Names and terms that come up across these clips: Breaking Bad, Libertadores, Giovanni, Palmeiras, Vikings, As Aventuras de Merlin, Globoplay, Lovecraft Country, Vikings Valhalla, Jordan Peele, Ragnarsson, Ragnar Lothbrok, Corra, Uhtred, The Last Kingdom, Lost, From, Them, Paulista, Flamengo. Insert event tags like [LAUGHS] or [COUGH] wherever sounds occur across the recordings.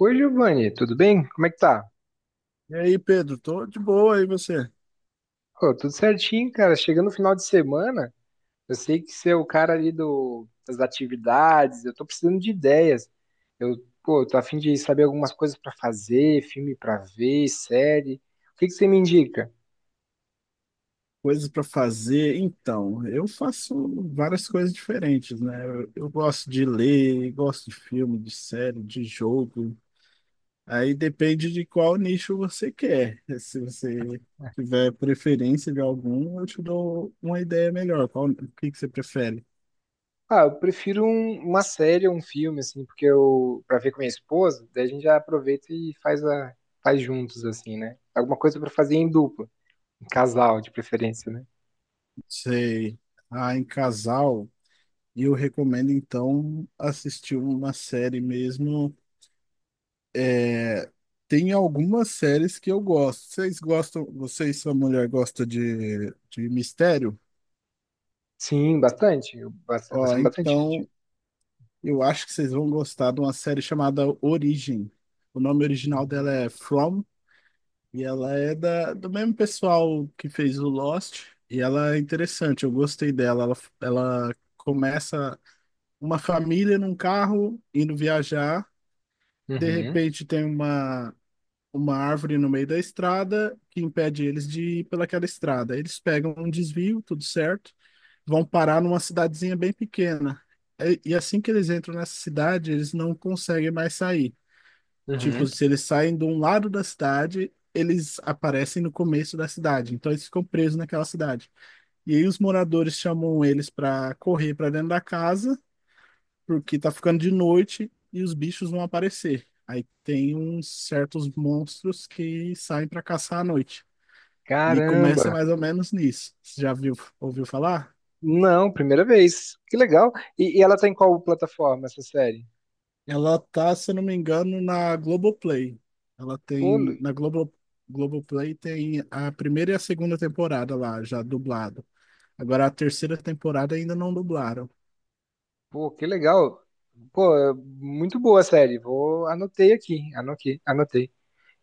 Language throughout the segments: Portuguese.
Oi, Giovanni, tudo bem? Como é que tá? E aí, Pedro, tô de boa, aí você? Pô, tudo certinho, cara. Chegando no final de semana, eu sei que você é o cara ali do, das atividades, eu tô precisando de ideias. Eu, pô, tô a fim de saber algumas coisas pra fazer, filme pra ver, série. O que que você me indica? Coisas para fazer? Então, eu faço várias coisas diferentes, né? Eu gosto de ler, gosto de filme, de série, de jogo. Aí depende de qual nicho você quer. Se você tiver preferência de algum, eu te dou uma ideia melhor. Qual, o que que você prefere? Ah, eu prefiro uma série ou um filme, assim, porque eu, pra ver com minha esposa, daí a gente já aproveita e faz juntos, assim, né? Alguma coisa pra fazer em dupla, em casal, de preferência, né? Sei. Ah, em casal, eu recomendo então assistir uma série mesmo. É, tem algumas séries que eu gosto. Vocês gostam, você e sua mulher gostam de mistério? Sim, bastante. Eu gosto Ó, bastante. então eu acho que vocês vão gostar de uma série chamada Origem. O nome original dela é From, e ela é da, do mesmo pessoal que fez o Lost, e ela é interessante, eu gostei dela. Ela começa uma família num carro indo viajar, de Uhum, repente tem uma árvore no meio da estrada que impede eles de ir pelaquela estrada. Eles pegam um desvio, tudo certo, vão parar numa cidadezinha bem pequena. E assim que eles entram nessa cidade, eles não conseguem mais sair. Tipo, uhum. se eles saem de um lado da cidade, eles aparecem no começo da cidade. Então eles ficam presos naquela cidade. E aí os moradores chamam eles para correr para dentro da casa porque tá ficando de noite e os bichos vão aparecer. Aí tem uns certos monstros que saem para caçar à noite. E começa Caramba! mais ou menos nisso. Você já viu, ouviu falar? Não, primeira vez. Que legal. E ela tá em qual plataforma essa série? Ela tá, se eu não me engano, na Globoplay. Ela Pô, tem Lu- na Globo. Globoplay tem a primeira e a segunda temporada lá já dublado. Agora a terceira temporada ainda não dublaram. Pô, que legal. Pô, é muito boa a série. Vou anotei aqui, anotei, anotei.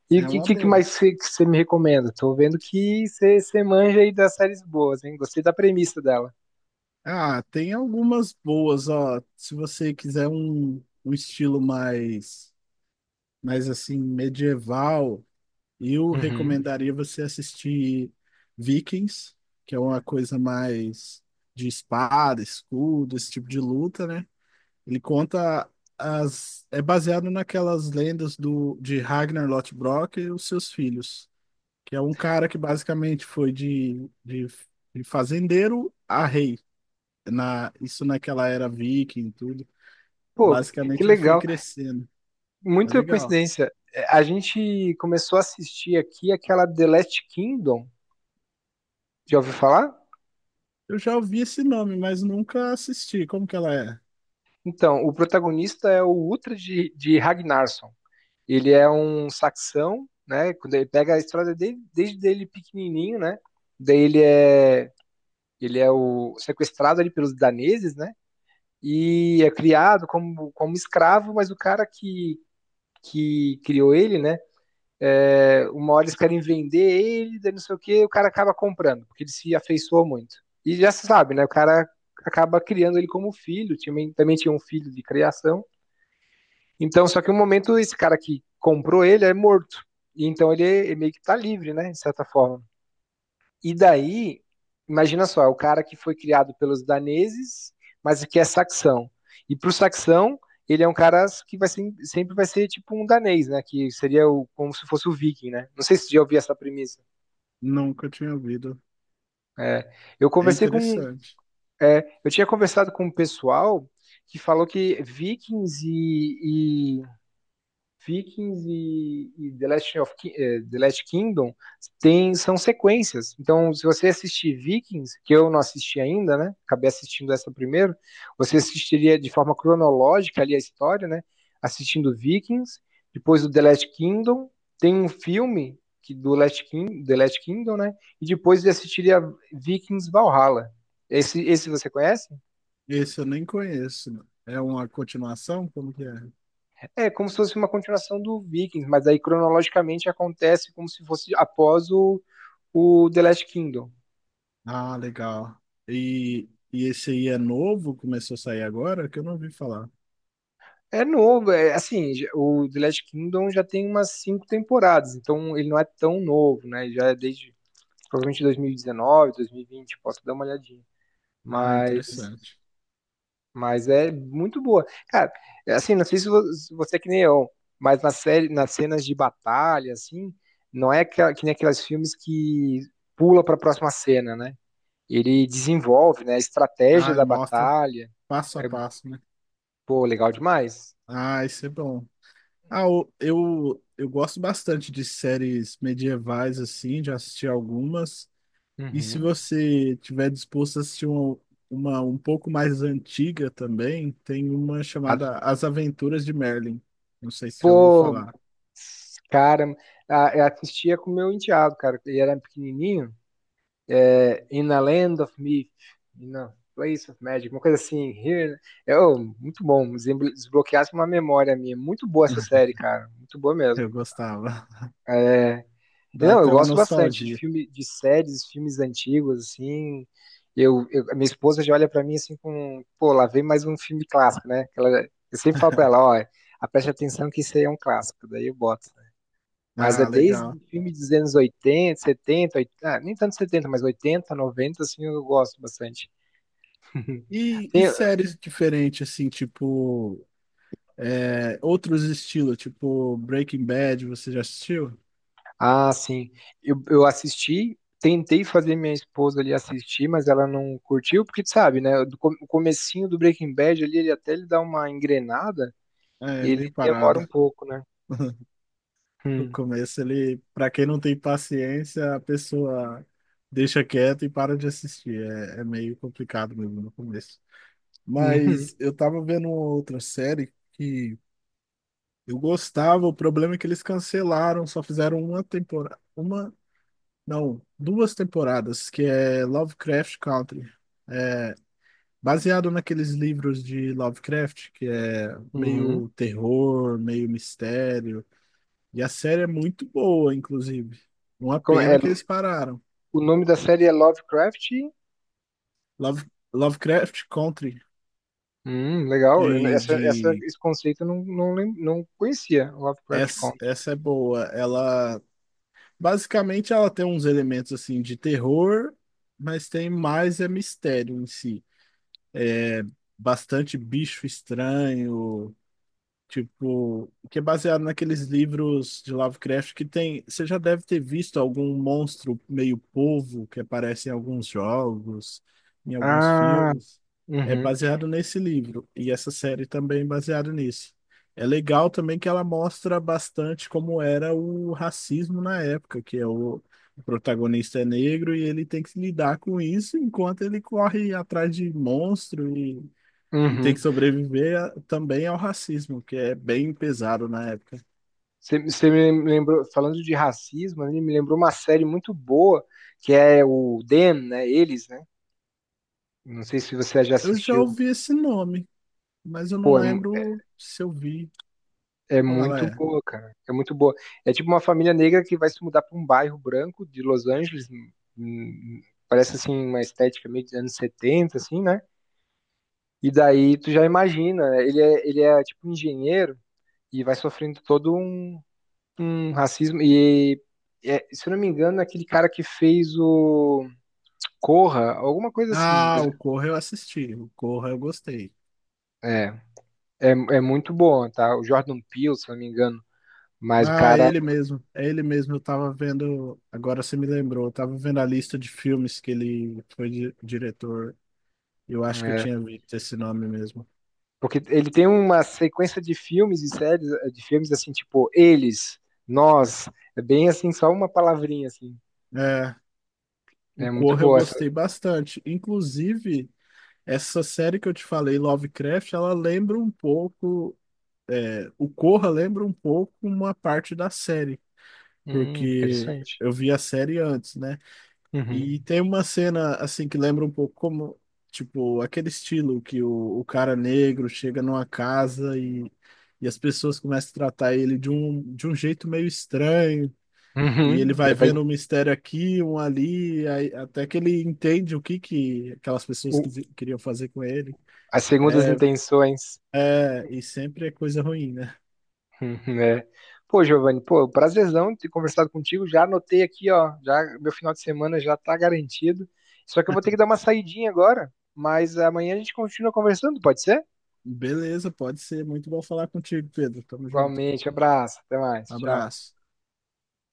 E o É que, uma que boa. mais você me recomenda? Tô vendo que você manja aí das séries boas, hein? Gostei da premissa dela. Ah, tem algumas boas, ó. Se você quiser um estilo mais mas assim, medieval, eu Uhum. recomendaria você assistir Vikings, que é uma coisa mais de espada, escudo, esse tipo de luta, né? Ele conta as é baseado naquelas lendas do de Ragnar Lothbrok e os seus filhos, que é um cara que basicamente foi de fazendeiro a rei, na isso naquela era viking e tudo. Pô, que Basicamente ele foi legal. crescendo. É Muita legal. coincidência. É, a gente começou a assistir aqui aquela The Last Kingdom. Já ouviu falar? Eu já ouvi esse nome, mas nunca assisti. Como que ela é? Então, o protagonista é o Uhtred de Ragnarsson. Ele é um saxão, né? Quando ele pega a história dele, desde ele pequenininho, né? Daí ele é o sequestrado ali pelos daneses, né? E é criado como escravo, mas o que criou ele, né? É, uma hora eles querem vender ele, daí não sei o que, o cara acaba comprando, porque ele se afeiçoou muito. E já se sabe, né? O cara acaba criando ele como filho, também tinha um filho de criação. Então, só que no momento, esse cara que comprou ele é morto. E então ele meio que tá livre, né? De certa forma. E daí, imagina só, é o cara que foi criado pelos daneses, mas que é saxão. E pro saxão, ele é um cara que sempre vai ser tipo um danês, né? Que seria o, como se fosse o viking, né? Não sei se você já ouviu essa premissa. Nunca tinha ouvido. É, eu É conversei com, interessante. é, eu tinha conversado com um pessoal que falou que Vikings e The, Last of Ki- eh, The Last Kingdom tem, são sequências. Então, se você assistir Vikings, que eu não assisti ainda, né? Acabei assistindo essa primeiro, você assistiria de forma cronológica ali a história, né? Assistindo Vikings, depois do The Last Kingdom, tem um filme que do The Last Kingdom, né? E depois você assistiria Vikings Valhalla. Esse você conhece? Esse eu nem conheço. É uma continuação? Como que é? É como se fosse uma continuação do Vikings, mas aí cronologicamente acontece como se fosse após o The Last Kingdom. Ah, legal. E, e esse aí é novo? Começou a sair agora? Que eu não ouvi falar. É novo, é, assim, o The Last Kingdom já tem umas cinco temporadas, então ele não é tão novo, né? Já é desde provavelmente 2019, 2020, posso dar uma olhadinha. Ah, Mas, interessante. mas é muito boa. Cara, é assim, não sei se se você é que nem eu, mas na série, nas cenas de batalha, assim, não é que nem aqueles filmes que pula para a próxima cena, né? Ele desenvolve, né, a estratégia Ah, ele da mostra batalha. passo a É, passo, né? pô, legal demais. Ah, isso é bom. Ah, eu gosto bastante de séries medievais, assim, já assisti algumas. E se Uhum. você tiver disposto a assistir uma um pouco mais antiga também, tem uma A- chamada As Aventuras de Merlin. Não sei se já ouviu Pô, falar. cara, eu assistia com o meu enteado, cara. Ele era pequenininho. É, In a Land of Myth, In a Place of Magic, uma coisa assim. Here, é, oh, muito bom. Desbloqueasse uma memória minha. Muito boa essa [LAUGHS] série, cara. Muito boa mesmo. Eu gostava. Dá Não, eu até uma gosto bastante de nostalgia. filme, de séries, filmes antigos, assim. A minha esposa já olha pra mim assim com, pô, lá vem mais um filme clássico, né? Que ela, eu sempre falo pra ela, ó, preste atenção que isso aí é um clássico. Daí eu boto. Mas é Ah, legal. desde filme dos anos 80, 70, 80, ah, nem tanto 70, mas 80, 90 assim, eu gosto bastante. E Tem- séries diferentes, assim, tipo. É, outros estilos, tipo Breaking Bad, você já assistiu? ah, sim. Eu assisti, tentei fazer minha esposa ali assistir, mas ela não curtiu, porque tu sabe, né? O comecinho do Breaking Bad ali, ele dá uma engrenada, É ele meio demora parado. um pouco, né? No Hum. começo, ele, para quem não tem paciência, a pessoa deixa quieto e para de assistir. É, é meio complicado mesmo no começo. Uhum. Mas eu tava vendo uma outra série que eu gostava, o problema é que eles cancelaram, só fizeram uma temporada, uma, não, duas temporadas, que é Lovecraft Country. É, baseado naqueles livros de Lovecraft, que é Uhum. meio terror, meio mistério. E a série é muito boa, inclusive. Uma Como pena é, que eles pararam. o nome da série é Lovecraft. Love, Lovecraft Country, Legal. De... Esse conceito eu não conhecia, Lovecraft Essa, Country. essa é boa. Ela, basicamente, ela tem uns elementos, assim, de terror, mas tem mais é mistério em si. Bastante bicho estranho, tipo, que é baseado naqueles livros de Lovecraft que tem. Você já deve ter visto algum monstro meio polvo que aparece em alguns jogos, em alguns Ah, filmes. É uhum, baseado nesse livro. E essa série também é baseada nisso. É legal também que ela mostra bastante como era o racismo na época, que é o protagonista é negro e ele tem que se lidar com isso enquanto ele corre atrás de monstro e tem uhum. que sobreviver a- também ao racismo, que é bem pesado na época. Você me lembrou, falando de racismo, ele me lembrou uma série muito boa, que é o Them, né? Eles, né? Não sei se você já Eu já assistiu. ouvi esse nome, mas eu não lembro se eu vi É como ela muito é. boa, cara. É muito boa. É tipo uma família negra que vai se mudar para um bairro branco de Los Angeles. Hum, hum, parece assim uma estética meio dos anos 70 assim, né? E daí tu já imagina, né? Ele é tipo engenheiro e vai sofrendo todo um um racismo. E, é, se eu não me engano, é aquele cara que fez o Corra, alguma coisa assim. Ah, Mas o Corra eu assisti, o Corra eu gostei. é, é muito bom, tá? O Jordan Peele, se eu não me engano. Mas o Ah, é cara. ele mesmo, é ele mesmo. Eu tava vendo, agora você me lembrou, eu tava vendo a lista de filmes que ele foi di- diretor. Eu acho que eu É, tinha visto esse nome mesmo. porque ele tem uma sequência de filmes e séries, de filmes assim, tipo, eles, nós. É bem assim, só uma palavrinha, assim. É, o É muito Corra eu boa essa. gostei bastante. Inclusive, essa série que eu te falei, Lovecraft, ela lembra um pouco é, o Corra lembra um pouco uma parte da série, porque Interessante. eu vi a série antes, né? E Uhum. tem uma cena assim que lembra um pouco como, tipo, aquele estilo que o cara negro chega numa casa e as pessoas começam a tratar ele de um jeito meio estranho. E ele Uhum. vai Vai, vendo um mistério aqui, um ali, aí- até que ele entende o que que aquelas pessoas o- quisi- queriam fazer com ele. as segundas intenções. É, e sempre é coisa ruim, né? Uhum, é. Pô, Giovanni, pô, prazerzão ter conversado contigo. Já anotei aqui, ó. Já meu final de semana já tá garantido. Só que eu vou ter que dar uma saidinha agora, mas amanhã a gente continua conversando, pode ser? Beleza, pode ser. Muito bom falar contigo, Pedro. Tamo junto. Igualmente, abraço, até mais, tchau. Abraço.